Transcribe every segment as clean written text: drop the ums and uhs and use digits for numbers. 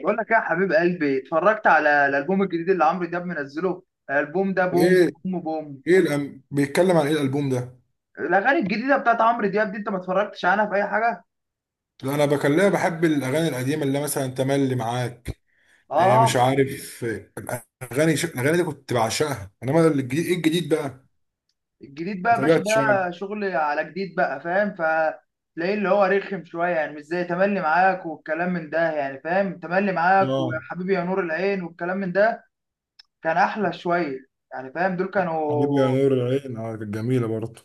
بقول لك ايه يا حبيب قلبي، اتفرجت على الالبوم الجديد اللي عمرو دياب منزله. الالبوم ده بوم ايه. بوم بوم. بيتكلم عن ايه الالبوم ده؟ الاغاني الجديده بتاعت عمرو دياب دي انت ما اتفرجتش عنها في اي حاجه؟ لا، انا بكلمه بحب الاغاني القديمه اللي مثلا تملي معاك. إيه مش اه. عارف إيه. الاغاني دي كنت بعشقها، انما الجديد ايه الجديد بقى؟ الجديد بقى ما يا باشا تابعتش انا. ده شغل على جديد بقى فاهم، فتلاقيه اللي هو رخم شويه يعني، مش زي تملي معاك والكلام من ده. يعني فاهم، تملي معاك ويا اه. حبيبي يا نور العين والكلام من ده كان احلى شويه. يعني فاهم دول حبيبي يا كانوا نور العين، اه، كانت جميله برضه.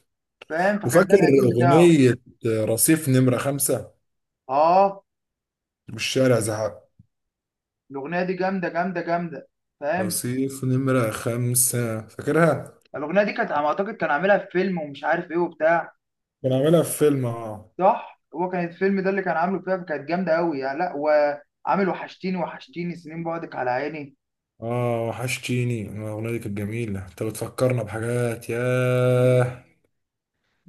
فاهم، فكان ده وفاكر القديم بتاعه. اغنيه رصيف نمره خمسة اه. والشارع زهق؟ الاغنيه دي جامده جامده جامده، فاهم. رصيف نمره خمسة، فاكرها. الاغنيه دي كانت على ما اعتقد كان عاملها في فيلم ومش عارف ايه وبتاع. كان عاملها في فيلم، اه. صح، هو كان الفيلم ده اللي كان عامله فيها، فكانت جامده قوي يعني. لا، وعامل وحشتيني وحشتيني سنين بعدك على عيني. اه وحشتيني. الاغنيه دي كانت جميله، انت بتفكرنا بحاجات، ياه.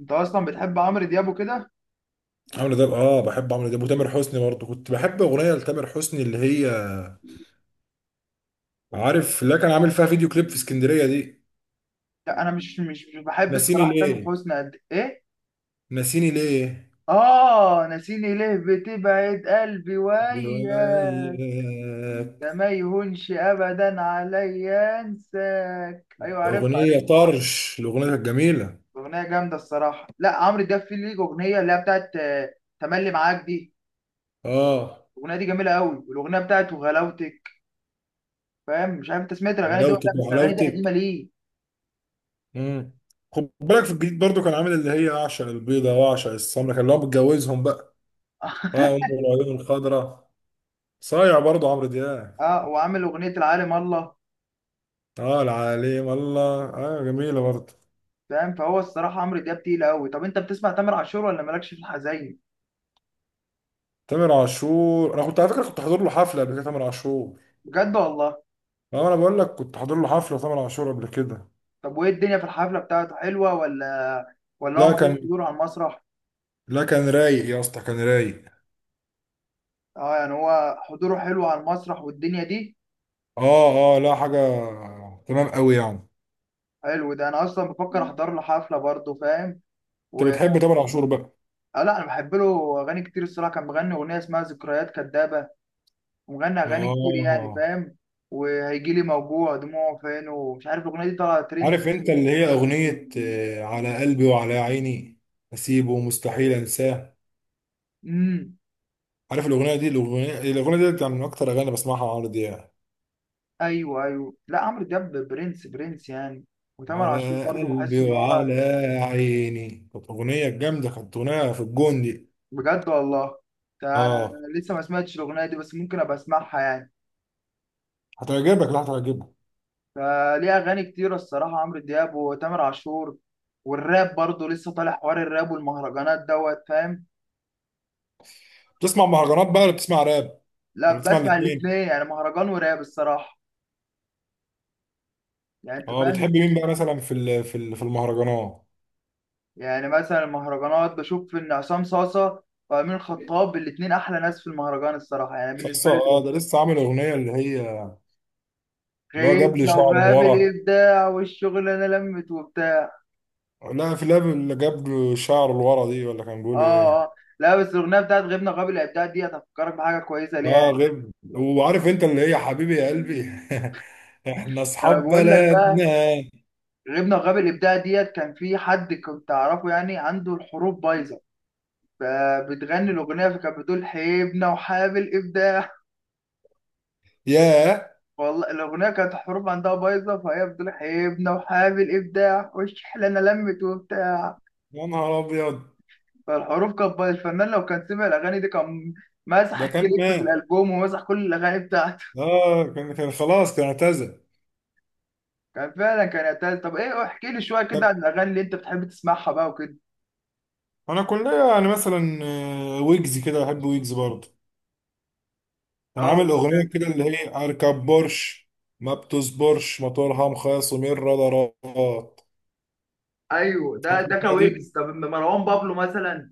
انت اصلا بتحب عمرو دياب وكده؟ عمرو دياب، اه، بحب عمرو دياب وتامر حسني برضه. كنت بحب اغنيه لتامر حسني، اللي هي، عارف اللي كان عامل فيها فيديو كليب في اسكندريه دي. لا، انا مش بحب ناسيني الصراحه تامر ليه، حسني قد ايه. ناسيني ليه. اه، ناسيني ليه بتبعد قلبي وياك. جواياك. ده ما يهونش ابدا عليا انساك. ايوه عارفها اغنيه عارفها. طرش، الاغنيه كانت جميله. اغنيه جامده الصراحه. لا، عمرو دياب في ليه اغنيه اللي هي بتاعت تملي معاك دي. اه، الاغنيه دي جميله قوي، والاغنيه بتاعته غلاوتك فاهم. مش عارف انت سمعت الاغاني دي ولا وحلاوتك، لا، بس الاغاني دي قديمه وحلاوتك. ليه. مم. خد بالك في الجديد برضه، كان عامل اللي هي اعشق البيضه واعشق السمره، كان اللي هو متجوزهم بقى. اه، ام العيون الخضراء. صايع برضه عمرو دياب. اه، وعامل اغنيه العالم الله، اه، العليم الله، اه، جميله برضه. فاهم. فهو الصراحه عمرو دياب تقيل قوي. طب انت بتسمع تامر عاشور ولا مالكش في الحزين؟ تامر عاشور، انا كنت على فكره كنت حاضر له حفله قبل كده، تامر عاشور. بجد والله؟ اه، انا بقول لك كنت حاضر له حفله تامر عاشور قبل كده. طب وايه الدنيا في الحفله بتاعته حلوه، ولا هو لا ملوش كان حضور على المسرح؟ لا كان رايق يا اسطى، كان رايق. اه، يعني هو حضوره حلو على المسرح والدنيا دي. اه، اه، لا حاجه. تمام قوي يعني. حلو، ده انا اصلا بفكر احضر له حفله برضه فاهم و... انت بتحب تامر عاشور بقى؟ لا انا بحب له اغاني كتير الصراحه، كان مغني اغنيه اسمها ذكريات كدابه ومغني اغاني كتير يعني اه، فاهم. وهيجي لي موجوع دموعه فين ومش عارف الاغنيه دي طالعه ترند. عارف انت، اللي هي اغنيه على قلبي وعلى عيني، اسيبه مستحيل انساه. امم. عارف الاغنيه دي كانت من اكتر اغاني بسمعها على عمرو دياب. ايوه ايوه، لا عمرو دياب برنس برنس يعني. وتامر عاشور على برضه قلبي بحس ان هو وعلى عيني، كانت أغنية جامدة، كانت أغنية في الجون دي. بجد والله. ده انا اه، لسه ما سمعتش الاغنيه دي، بس ممكن ابقى اسمعها يعني. هتعجبك، لا هتعجبك. فليه اغاني كتيره الصراحه عمرو دياب وتامر عاشور. والراب برضه لسه طالع حوار الراب والمهرجانات دوت فاهم. بتسمع مهرجانات بقى ولا بتسمع راب؟ ولا لا، بتسمع بسمع الاتنين؟ الاثنين يعني مهرجان وراب الصراحه. يعني انت اه، بتحب فاهم. مين بقى مثلا في المهرجانات؟ يعني مثلا المهرجانات بشوف ان عصام صاصه وامين الخطاب الاتنين احلى ناس في المهرجان الصراحه، يعني لسه، بالنسبه لي اه، دول. ده لسه عامل أغنية اللي هي، اللي هو غيب جاب لي لو شعر غاب لورا. الابداع والشغل، انا لمت وبتاع. لا، في لاب اللي جاب له شعر لورا دي، ولا كان بيقول ايه؟ اه اه، لا بس الاغنيه بتاعت غبنا وغاب الابداع دي هتفكرك بحاجه كويسه ليها اه يعني. غير، وعارف انت اللي هي حبيبي يا قلبي. احنا انا اصحاب بقول لك بلدنا. بقى. غبنا وغاب الابداع ديت كان في حد كنت اعرفه، يعني عنده الحروف بايظه، فبتغني الاغنيه فكانت بتقول حبنا وحاب الابداع. يا والله الأغنية كانت الحروف عندها بايظة، فهي بتقول حبنا وحابب الإبداع والشحلة أنا لمت وبتاع. يا نهار ابيض. فالحروف كانت بايظة. الفنان لو كان سمع الأغاني دي كان مسح ده كان الكليب في مات. الألبوم ومسح كل الأغاني بتاعته. اه، كان خلاص، كان اعتزل. كان فعلا كان يعتز. طب إيه، احكي لي شوية كده طب عن الأغاني اللي أنت بتحب تسمعها بقى وكده. انا كلنا يعني مثلا ويجز كده، بحب ويجز برضه. كان اه، عامل اغنيه كده اللي هي اركب بورش، ما بتصبرش موتورها مخاصم الرادارات. ايوه، ده عارف ده الاغنيه دي؟ كويجز. طب أما مروان بابلو مثلا.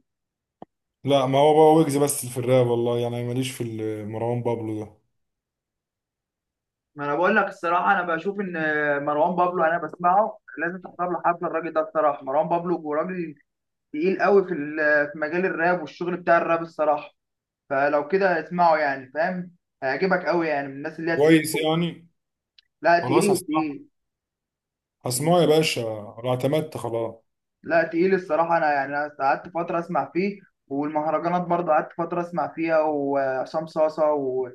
لا، ما هو بقى ويجز بس في الراب، والله يعني ماليش في مروان بابلو ده. ما انا بقول لك الصراحه انا بشوف ان مروان بابلو انا بسمعه، لازم تحضر له حفله. الراجل ده بصراحه مروان بابلو راجل تقيل قوي في في مجال الراب والشغل بتاع الراب الصراحه. فلو كده اسمعه يعني فاهم، هيعجبك قوي، يعني من الناس اللي هي تقيل كويس قوي. يعني. لا، خلاص تقيل هسمعه، تقيل. هسمعه يا باشا. انا اعتمدت، خلاص. لا تقيل الصراحه. انا يعني أنا قعدت فتره اسمع فيه. والمهرجانات برضه قعدت فتره اسمع فيها، وعصام صاصه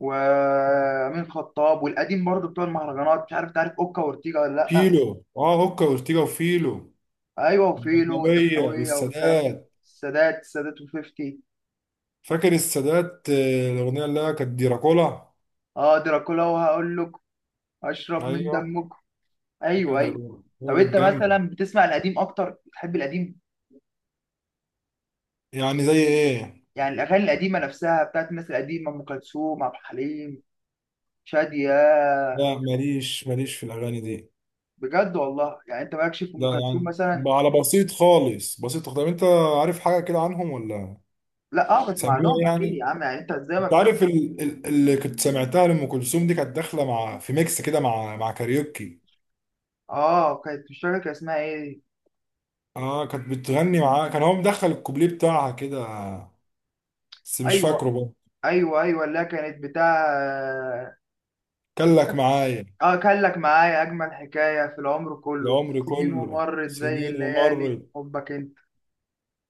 وامين خطاب والقديم برضه بتوع المهرجانات، مش عارف تعرف اوكا واورتيجا ولا لا. فيلو، اه، هوكا وارتيجا وفيلو، ايوه وفيلو والأجنبية والدخلاويه والكلام من والسادات. السادات. السادات وفيفتي. فاكر السادات، الأغنية اللي هي كانت ديراكولا. اه، دراكولا. وهقول لك اشرب من أيوه. دمكم. فاكر ايوه ايوه. ديراكولا. طب هي انت كانت جامدة. مثلا بتسمع القديم اكتر بتحب القديم، يعني زي إيه؟ يعني الاغاني القديمه نفسها بتاعت الناس القديمه ام كلثوم عبد الحليم شاديه. لا، ماليش في الأغاني دي. بجد والله؟ يعني انت مالكش في ام لا كلثوم يعني مثلا. على بسيط خالص بسيط. طب أنت عارف حاجة كده عنهم ولا؟ لا، اه بسمع سميع لهم اكيد يعني؟ يا عم، يعني انت ازاي ما أنت بت- عارف اللي كنت سمعتها لأم كلثوم دي كانت داخلة مع في ميكس كده، مع كاريوكي. اه، كانت مش فاكر كان اسمها ايه. آه، كانت بتغني معاه، كان هو مدخل الكوبليه بتاعها كده، بس مش فاكره ايوه بقى. ايوه ايوه، اللي هي كانت بتاع. كان لك معايا، اه، كان لك معايا اجمل حكايه في العمر كله العمر سنين كله ومرت زي سنين الليالي ومرت. حبك. انت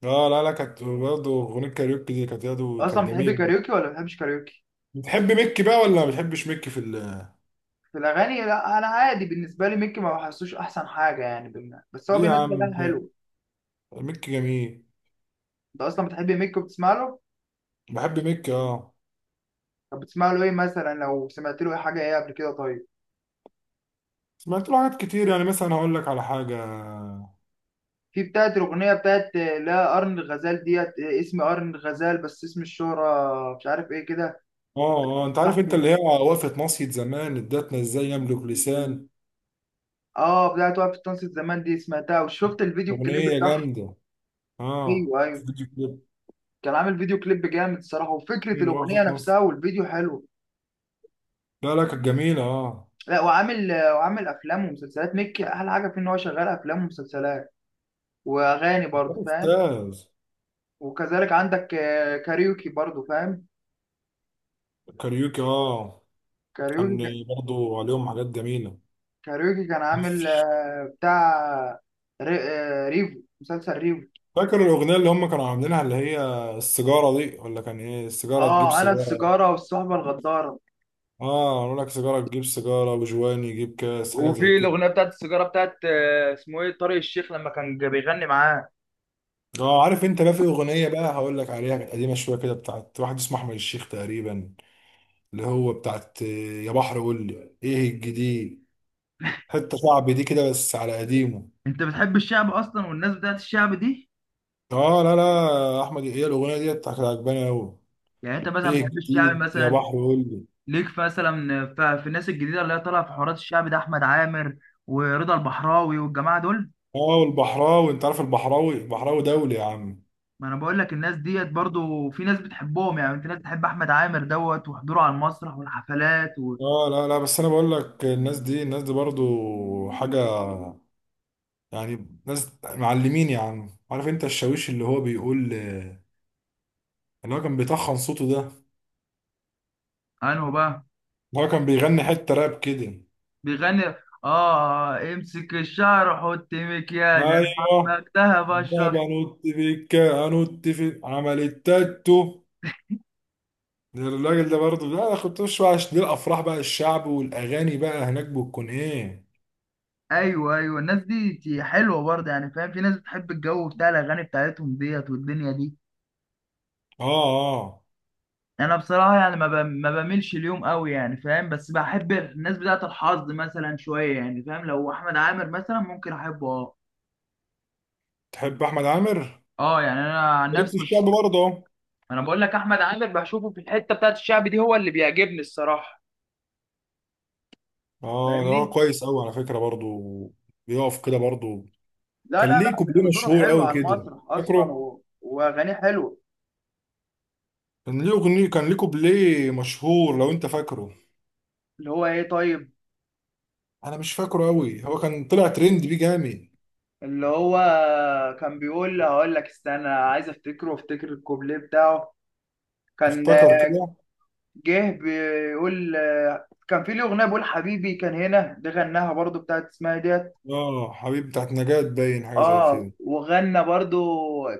اه، لا، لا، كانت برضه اغنيه كاريوكي دي، كانت برضه اصلا كانت بتحب جميله. كاريوكي ولا ما بتحبش كاريوكي بتحب ميكي بقى ولا ما بتحبش ميكي في ال في الاغاني؟ لا، انا عادي بالنسبه لي ميكي ما بحسوش احسن حاجه يعني بس هو ليه يا بينزل اغاني عم، حلو. ميكي جميل. انت اصلا بتحب ميكي وبتسمع له؟ بحب ميكي، اه. طب بتسمع له ايه مثلا؟ لو سمعت له اي حاجه ايه قبل كده طيب. سمعت له حاجات كتير، يعني مثلا هقول لك على حاجه. في بتاعت الاغنيه بتاعت لا قرن الغزال ديت، اسم قرن الغزال بس اسم الشهره مش عارف ايه كده. اه، اه، انت عارف انت صاحبه. اللي هي وقفه مصيد زمان ادتنا ازاي يملك لسان. اه، بتاعت وقف التنصت زمان دي سمعتها وشفت الفيديو الكليب اغنيه بتاعها. جامده. اه، ايوه ايوه. فيديو كليب. كان عامل فيديو كليب جامد الصراحه، وفكره الاغنيه وقفه نفسها مصيد. والفيديو حلو. لا، لا، كانت جميله، اه. لا، وعامل افلام ومسلسلات. مكي احلى حاجه فيه ان هو شغال افلام ومسلسلات واغاني ده برضه فاهم. استاذ. وكذلك عندك كاريوكي برضه فاهم. كاريوكي، اه. كاريوكي كان برضه عليهم حاجات جميله. كاريوكي كان عامل بتاع ريفو مسلسل ريفو. فاكر الأغنية اللي هم كانوا عاملينها، اللي هي السيجارة دي، ولا كان إيه؟ السيجارة تجيب اه، انا سيجارة. السيجاره والصحبه الغداره. آه، قالوا لك سيجارة تجيب سيجارة وجواني يجيب كاس، حاجة زي وفي كده. الاغنيه بتاعت السيجاره بتاعت اسمه ايه طارق الشيخ لما كان بيغني معاه. آه، عارف أنت بقى، في أغنية بقى هقول لك عليها كانت قديمة شوية كده، بتاعت واحد اسمه أحمد الشيخ تقريبا، اللي هو بتاعت يا بحر قول لي إيه الجديد. حتة شعبي دي كده، بس على قديمه. انت بتحب الشعب اصلا والناس بتاعت الشعب دي؟ آه، لا، لا، أحمد، هي الأغنية دي كانت عجباني أوي. يعني انت مثلا إيه بتحب الشعب الجديد يا بحر مثلا؟ قول لي. ليك في مثلا في الناس الجديده اللي هي طالعه في حوارات الشعب ده احمد عامر ورضا البحراوي والجماعه دول. آه، والبحراوي، أنت عارف البحراوي؟ البحراوي دولي يا عم. ما انا بقول لك الناس ديت برضو في ناس بتحبهم، يعني في ناس بتحب احمد عامر دوت وحضوره على المسرح والحفلات. اه، لا، لا، بس انا بقول لك الناس دي برضو حاجة. يعني ناس معلمين يا عم، عارف انت الشاويش اللي هو بيقول، اللي هو كان بيطخن صوته ده، انه بقى اللي هو كان بيغني حتة راب كده. بيغني، اه، امسك الشعر وحط مكياج انا ايوه. حبك ده بابا بشرك. نط فيك انط في عمل التاتو. ده الراجل ده برضو، لا انا كنت مش بقى عشان دي الافراح بقى الشعب والاغاني بقى هناك بتكون ايه؟ ايوه ايوه، الناس دي حلوه برضه يعني فاهم. في ناس بتحب الجو بتاع الاغاني بتاعتهم ديت والدنيا دي. اه، اه. انا بصراحه يعني ما بميلش اليوم قوي يعني فاهم، بس بحب الناس بتاعه الحظ مثلا شويه يعني فاهم. لو احمد عامر مثلا ممكن احبه اه. تحب احمد عامر؟ اه، يعني انا عن ليك في نفسي مش. الشعب برضه؟ انا بقول لك احمد عامر بشوفه في الحته بتاعه الشعب دي هو اللي بيعجبني الصراحه اه، ده هو فاهمني. كويس قوي على فكره برضو. بيقف كده برضو. لا كان لا ليه لا، كوبليه حضوره مشهور حلو قوي على كده. المسرح اصلا فاكره؟ واغانيه حلوه. كان ليه اغنيه، كان ليه كوبليه مشهور لو انت فاكره. اللي هو ايه طيب. انا مش فاكره قوي، هو كان طلع ترند بيه جامد. اللي هو كان بيقول هقول لك استنى عايز افتكره وافتكر الكوبليه بتاعه. كان افتكر كده. جه بيقول كان في ليه اغنيه بيقول حبيبي كان هنا ده غناها برضو بتاعت اسمها إيه ديت. اه، حبيب بتاعت نجاة، باين حاجه زي اه، كده. وغنى برضو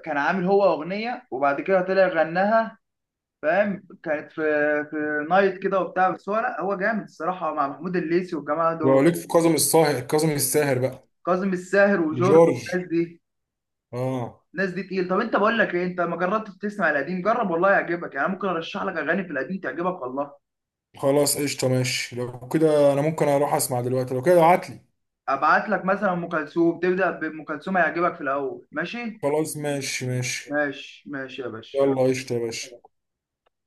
كان عامل هو اغنيه وبعد كده طلع غناها، فاهم. كانت في نايت كده وبتاع، بس هو لا هو جامد الصراحه مع محمود الليثي والجماعه ولو دول. ليك في كاظم الساهر، كاظم الساهر بقى. كاظم الساهر وجورج وجورج. والناس دي اه. الناس دي تقيل. طب انت بقول لك ايه، انت ما جربتش تسمع القديم؟ جرب والله يعجبك، يعني أنا ممكن ارشح لك اغاني في القديم تعجبك والله. خلاص قشطه، ماشي لو كده انا ممكن اروح اسمع دلوقتي، لو كده ابعت لي. ابعت لك مثلا ام كلثوم، تبدا بام كلثوم هيعجبك في الاول ماشي. خلاص، ماشي ماشي. ماشي ماشي يا باشا يلا يلا. قشطه يا باشا.